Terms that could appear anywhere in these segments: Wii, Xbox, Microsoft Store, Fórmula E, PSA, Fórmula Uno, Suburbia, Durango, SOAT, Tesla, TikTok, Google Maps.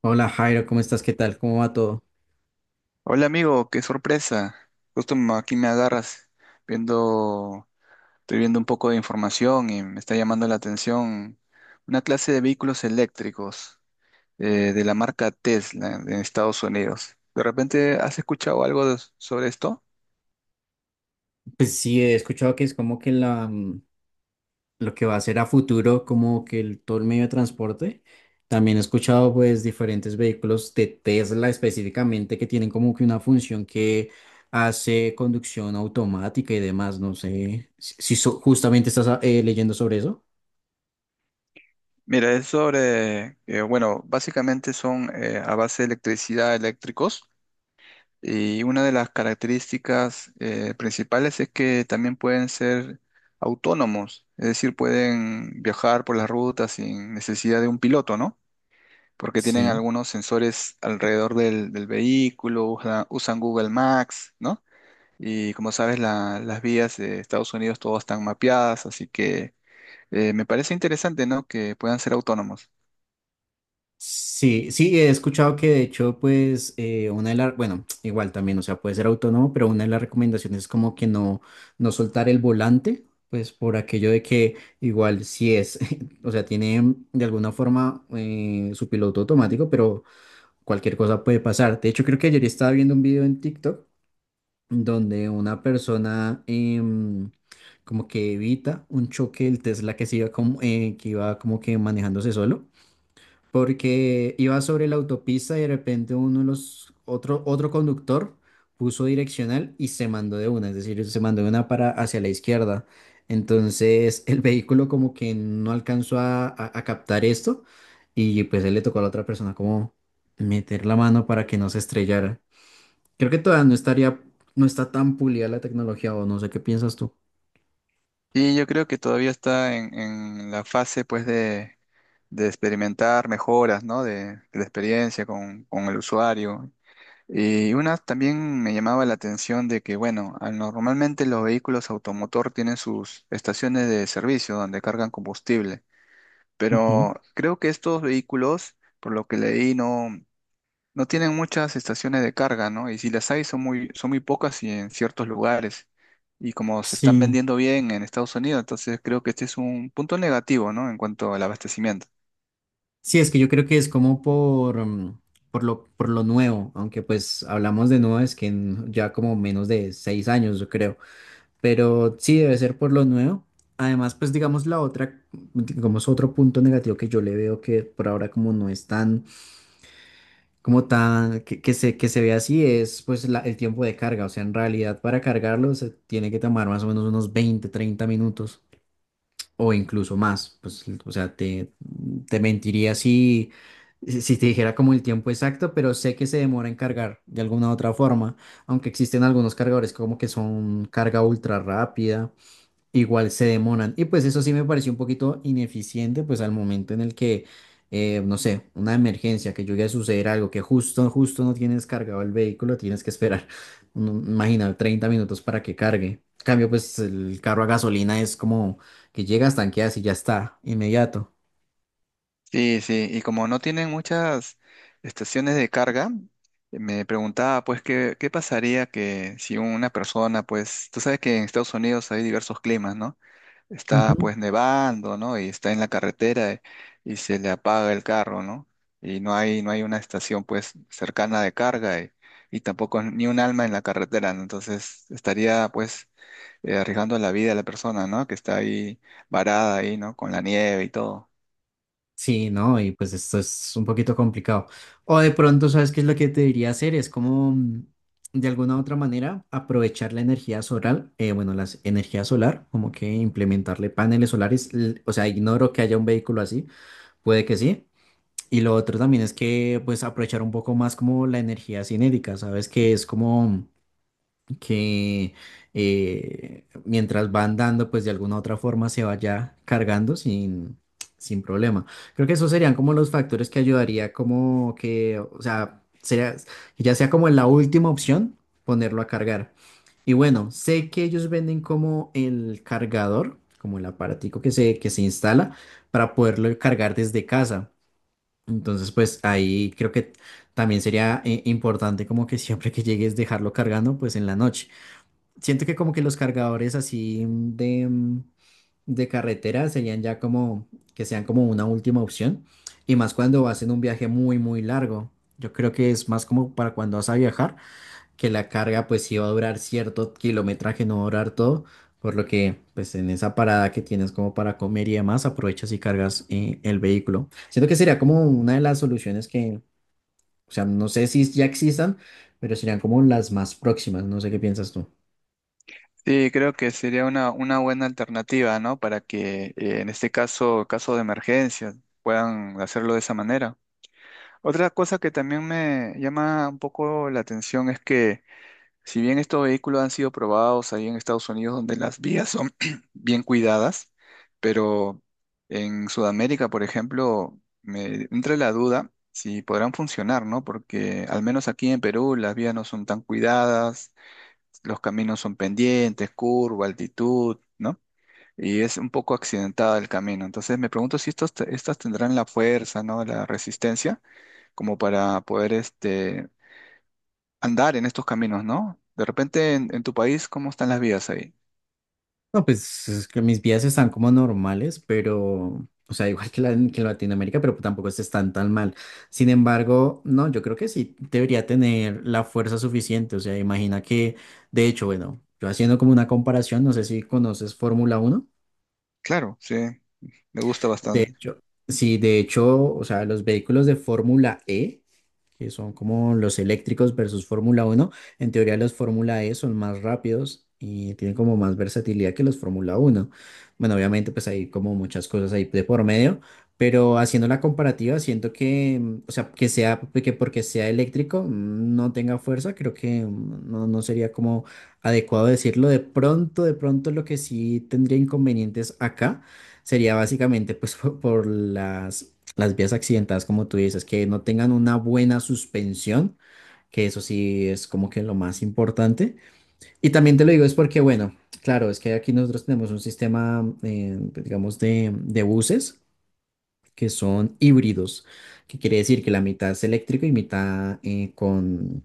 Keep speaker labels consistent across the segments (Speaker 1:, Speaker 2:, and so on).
Speaker 1: Hola Jairo, ¿cómo estás? ¿Qué tal? ¿Cómo va todo?
Speaker 2: Hola amigo, qué sorpresa. Aquí me agarras viendo, estoy viendo un poco de información y me está llamando la atención una clase de vehículos eléctricos de la marca Tesla en Estados Unidos. ¿De repente has escuchado sobre esto?
Speaker 1: Pues sí, he escuchado que es como que la lo que va a ser a futuro, como que el, todo el medio de transporte. También he escuchado pues diferentes vehículos de Tesla específicamente que tienen como que una función que hace conducción automática y demás. No sé si justamente estás leyendo sobre eso.
Speaker 2: Mira, es sobre, bueno, básicamente son a base de electricidad, eléctricos. Y una de las características principales es que también pueden ser autónomos, es decir, pueden viajar por las rutas sin necesidad de un piloto, ¿no? Porque tienen
Speaker 1: Sí.
Speaker 2: algunos sensores alrededor del vehículo, usan Google Maps, ¿no? Y como sabes, las vías de Estados Unidos todas están mapeadas, así que me parece interesante, ¿no? Que puedan ser autónomos.
Speaker 1: Sí, sí, he escuchado que de hecho, pues, una de las, bueno, igual también, o sea, puede ser autónomo, pero una de las recomendaciones es como que no, no soltar el volante, pues por aquello de que igual si es, o sea, tiene de alguna forma su piloto automático, pero cualquier cosa puede pasar. De hecho, creo que ayer estaba viendo un video en TikTok donde una persona como que evita un choque del Tesla que se iba como, que iba como que manejándose solo porque iba sobre la autopista y de repente uno de los otro conductor puso direccional y se mandó de una, es decir, se mandó de una para hacia la izquierda. Entonces el vehículo como que no alcanzó a captar esto y pues él le tocó a la otra persona como meter la mano para que no se estrellara. Creo que todavía no estaría, no está tan pulida la tecnología o no sé qué piensas tú.
Speaker 2: Y yo creo que todavía está en la fase, pues, de experimentar mejoras, ¿no? De la experiencia con el usuario. Y una también me llamaba la atención de que, bueno, normalmente los vehículos automotor tienen sus estaciones de servicio donde cargan combustible,
Speaker 1: Ujú.
Speaker 2: pero creo que estos vehículos, por lo que leí, no tienen muchas estaciones de carga, ¿no? Y si las hay, son muy pocas y en ciertos lugares. Y como se están
Speaker 1: Sí.
Speaker 2: vendiendo bien en Estados Unidos, entonces creo que este es un punto negativo, ¿no? En cuanto al abastecimiento.
Speaker 1: Sí, es que yo creo que es como por lo nuevo, aunque pues hablamos de nuevo, es que en ya como menos de 6 años, yo creo, pero sí debe ser por lo nuevo. Además, pues digamos la otra, digamos otro punto negativo que yo le veo que por ahora como no es tan, como tan, que se ve así, es pues el tiempo de carga, o sea, en realidad para cargarlo se tiene que tomar más o menos unos 20, 30 minutos o incluso más. Pues, o sea, te mentiría si, si te dijera como el tiempo exacto, pero sé que se demora en cargar de alguna u otra forma, aunque existen algunos cargadores como que son carga ultra rápida. Igual se demoran. Y pues eso sí me pareció un poquito ineficiente, pues al momento en el que, no sé, una emergencia, que llegue a suceder algo, que justo, justo no tienes cargado el vehículo, tienes que esperar, no, imagina, 30 minutos para que cargue. En cambio, pues el carro a gasolina es como que llegas, tanqueas y ya está, inmediato.
Speaker 2: Sí, sí, y como no tienen muchas estaciones de carga, me preguntaba pues qué pasaría que si una persona, pues, tú sabes que en Estados Unidos hay diversos climas, ¿no?
Speaker 1: Ujú.
Speaker 2: Está pues nevando, ¿no? Y está en la carretera, y se le apaga el carro, ¿no? No hay una estación pues cercana de carga, y tampoco ni un alma en la carretera, ¿no? Entonces estaría pues arriesgando la vida de la persona, ¿no? Que está ahí varada ahí, ¿no? Con la nieve y todo.
Speaker 1: Sí, no, y pues esto es un poquito complicado. O de pronto, ¿sabes qué es lo que te diría hacer? Es como, de alguna u otra manera, aprovechar la energía solar, bueno, la energía solar, como que implementarle paneles solares. O sea, ignoro que haya un vehículo así, puede que sí. Y lo otro también es que, pues, aprovechar un poco más como la energía cinética, ¿sabes? Que es como que mientras van dando, pues de alguna u otra forma se vaya cargando sin, sin problema. Creo que esos serían como los factores que ayudaría como que, o sea, sería, que ya sea como en la última opción, ponerlo a cargar. Y bueno, sé que ellos venden como el cargador, como el aparatico que se instala para poderlo cargar desde casa. Entonces, pues ahí creo que también sería importante como que siempre que llegues dejarlo cargando, pues en la noche. Siento que como que los cargadores así, de carretera serían ya como que sean como una última opción. Y más cuando vas en un viaje muy, muy largo. Yo creo que es más como para cuando vas a viajar, que la carga pues sí va a durar cierto kilometraje, no va a durar todo. Por lo que pues en esa parada que tienes como para comer y demás, aprovechas y cargas el vehículo. Siento que sería como una de las soluciones que, o sea, no sé si ya existan, pero serían como las más próximas. No sé qué piensas tú.
Speaker 2: Sí, creo que sería una buena alternativa, ¿no? Para que en este caso, caso de emergencia, puedan hacerlo de esa manera. Otra cosa que también me llama un poco la atención es que si bien estos vehículos han sido probados ahí en Estados Unidos, donde las vías son bien cuidadas, pero en Sudamérica, por ejemplo, me entra la duda si podrán funcionar, ¿no? Porque al menos aquí en Perú las vías no son tan cuidadas, los caminos son pendientes, curva, altitud, ¿no? Y es un poco accidentada el camino. Entonces me pregunto si estas tendrán la fuerza, ¿no? La resistencia como para poder este, andar en estos caminos, ¿no? De repente en tu país, ¿cómo están las vías ahí?
Speaker 1: No, pues es que mis vidas están como normales, pero, o sea, igual que, la, que en Latinoamérica, pero tampoco están tan mal. Sin embargo, no, yo creo que sí debería tener la fuerza suficiente. O sea, imagina que, de hecho, bueno, yo haciendo como una comparación, no sé si conoces Fórmula Uno.
Speaker 2: Claro, sí, me gusta
Speaker 1: De
Speaker 2: bastante.
Speaker 1: hecho, sí, de hecho, o sea, los vehículos de Fórmula E que son como los eléctricos versus Fórmula Uno. En teoría los Fórmula E son más rápidos y tienen como más versatilidad que los Fórmula Uno. Bueno, obviamente pues hay como muchas cosas ahí de por medio, pero haciendo la comparativa siento que, o sea, que porque sea eléctrico no tenga fuerza, creo que no, no sería como adecuado decirlo. De pronto lo que sí tendría inconvenientes acá. Sería básicamente pues por las vías accidentadas, como tú dices, que no tengan una buena suspensión, que eso sí es como que lo más importante. Y también te lo digo es porque, bueno, claro, es que aquí nosotros tenemos un sistema, digamos, de buses que son híbridos, que quiere decir que la mitad es eléctrico y mitad con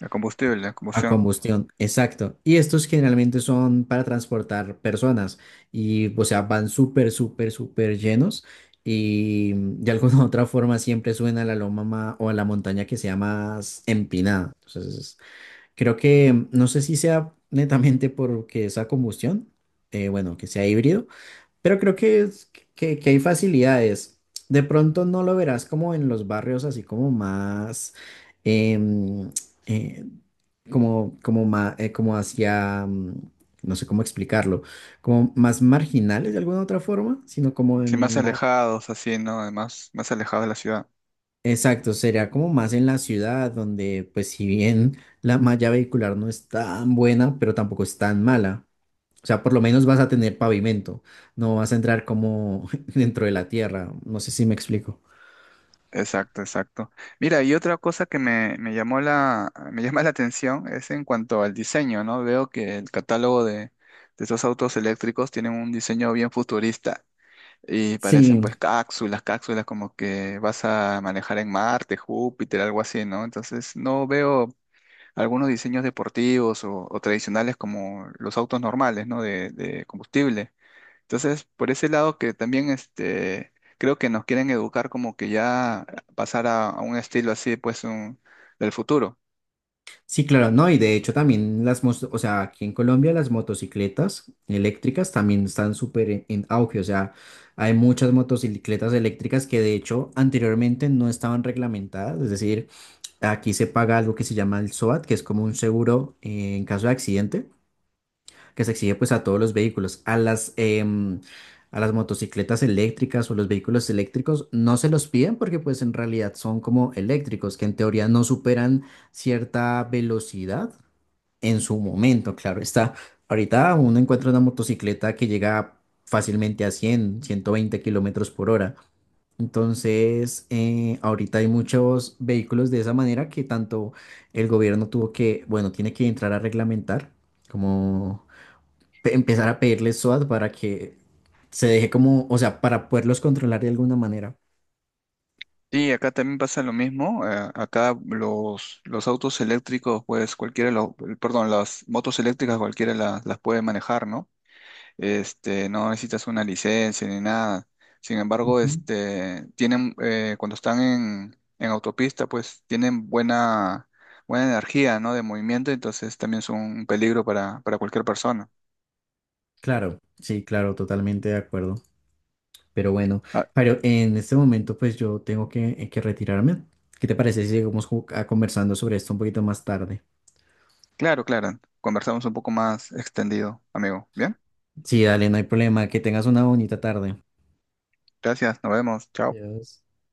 Speaker 2: La combustible, la
Speaker 1: a
Speaker 2: combustión.
Speaker 1: combustión, exacto. Y estos generalmente son para transportar personas y, o sea, van súper, súper, súper llenos y de alguna u otra forma siempre suben a la o a la montaña que sea más empinada. Entonces, creo que no sé si sea netamente porque esa combustión, bueno, que sea híbrido, pero creo que, que hay facilidades. De pronto no lo verás como en los barrios así como más, em, eh, como, como hacia, no sé cómo explicarlo, como más marginales de alguna otra forma, sino como
Speaker 2: Sí, más
Speaker 1: en más...
Speaker 2: alejados, así, ¿no? Además, más alejados de la ciudad.
Speaker 1: Exacto, sería como más en la ciudad, donde pues si bien la malla vehicular no es tan buena, pero tampoco es tan mala. O sea, por lo menos vas a tener pavimento, no vas a entrar como dentro de la tierra. No sé si me explico.
Speaker 2: Exacto, exacto. Mira, y otra cosa que me llamó me llama la atención es en cuanto al diseño, ¿no? Veo que el catálogo de estos autos eléctricos tienen un diseño bien futurista y parecen
Speaker 1: Sí,
Speaker 2: pues cápsulas, cápsulas como que vas a manejar en Marte, Júpiter, algo así, ¿no? Entonces no veo algunos diseños deportivos o tradicionales como los autos normales, ¿no? De combustible. Entonces, por ese lado que también este, creo que nos quieren educar como que ya pasar a un estilo así, pues, del futuro.
Speaker 1: sí, claro, no, y de hecho también o sea, aquí en Colombia las motocicletas eléctricas también están súper en auge, o sea, hay muchas motocicletas eléctricas que de hecho anteriormente no estaban reglamentadas, es decir, aquí se paga algo que se llama el SOAT, que es como un seguro en caso de accidente, que se exige pues a todos los vehículos. A las motocicletas eléctricas o los vehículos eléctricos no se los piden porque pues en realidad son como eléctricos, que en teoría no superan cierta velocidad en su momento, claro está. Ahorita uno encuentra una motocicleta que llega fácilmente a 100, 120 km/h. Entonces, ahorita hay muchos vehículos de esa manera que tanto el gobierno tuvo que, bueno, tiene que entrar a reglamentar, como empezar a pedirles SWAT para que se deje como, o sea, para poderlos controlar de alguna manera.
Speaker 2: Y acá también pasa lo mismo. Acá los autos eléctricos, pues cualquiera, perdón, las motos eléctricas cualquiera las puede manejar, ¿no? Este, no necesitas una licencia ni nada. Sin embargo,
Speaker 1: Ujú.
Speaker 2: este, tienen, cuando están en autopista, pues tienen buena energía, ¿no? De movimiento, entonces también son un peligro para cualquier persona.
Speaker 1: Claro, sí, claro, totalmente de acuerdo. Pero bueno,
Speaker 2: Ah,
Speaker 1: Jairo, en este momento pues yo tengo que retirarme. ¿Qué te parece si seguimos conversando sobre esto un poquito más tarde?
Speaker 2: claro, claro. Conversamos un poco más extendido, amigo. Bien,
Speaker 1: Sí, dale, no hay problema. Que tengas una bonita tarde.
Speaker 2: gracias, nos vemos, chao.
Speaker 1: Adiós.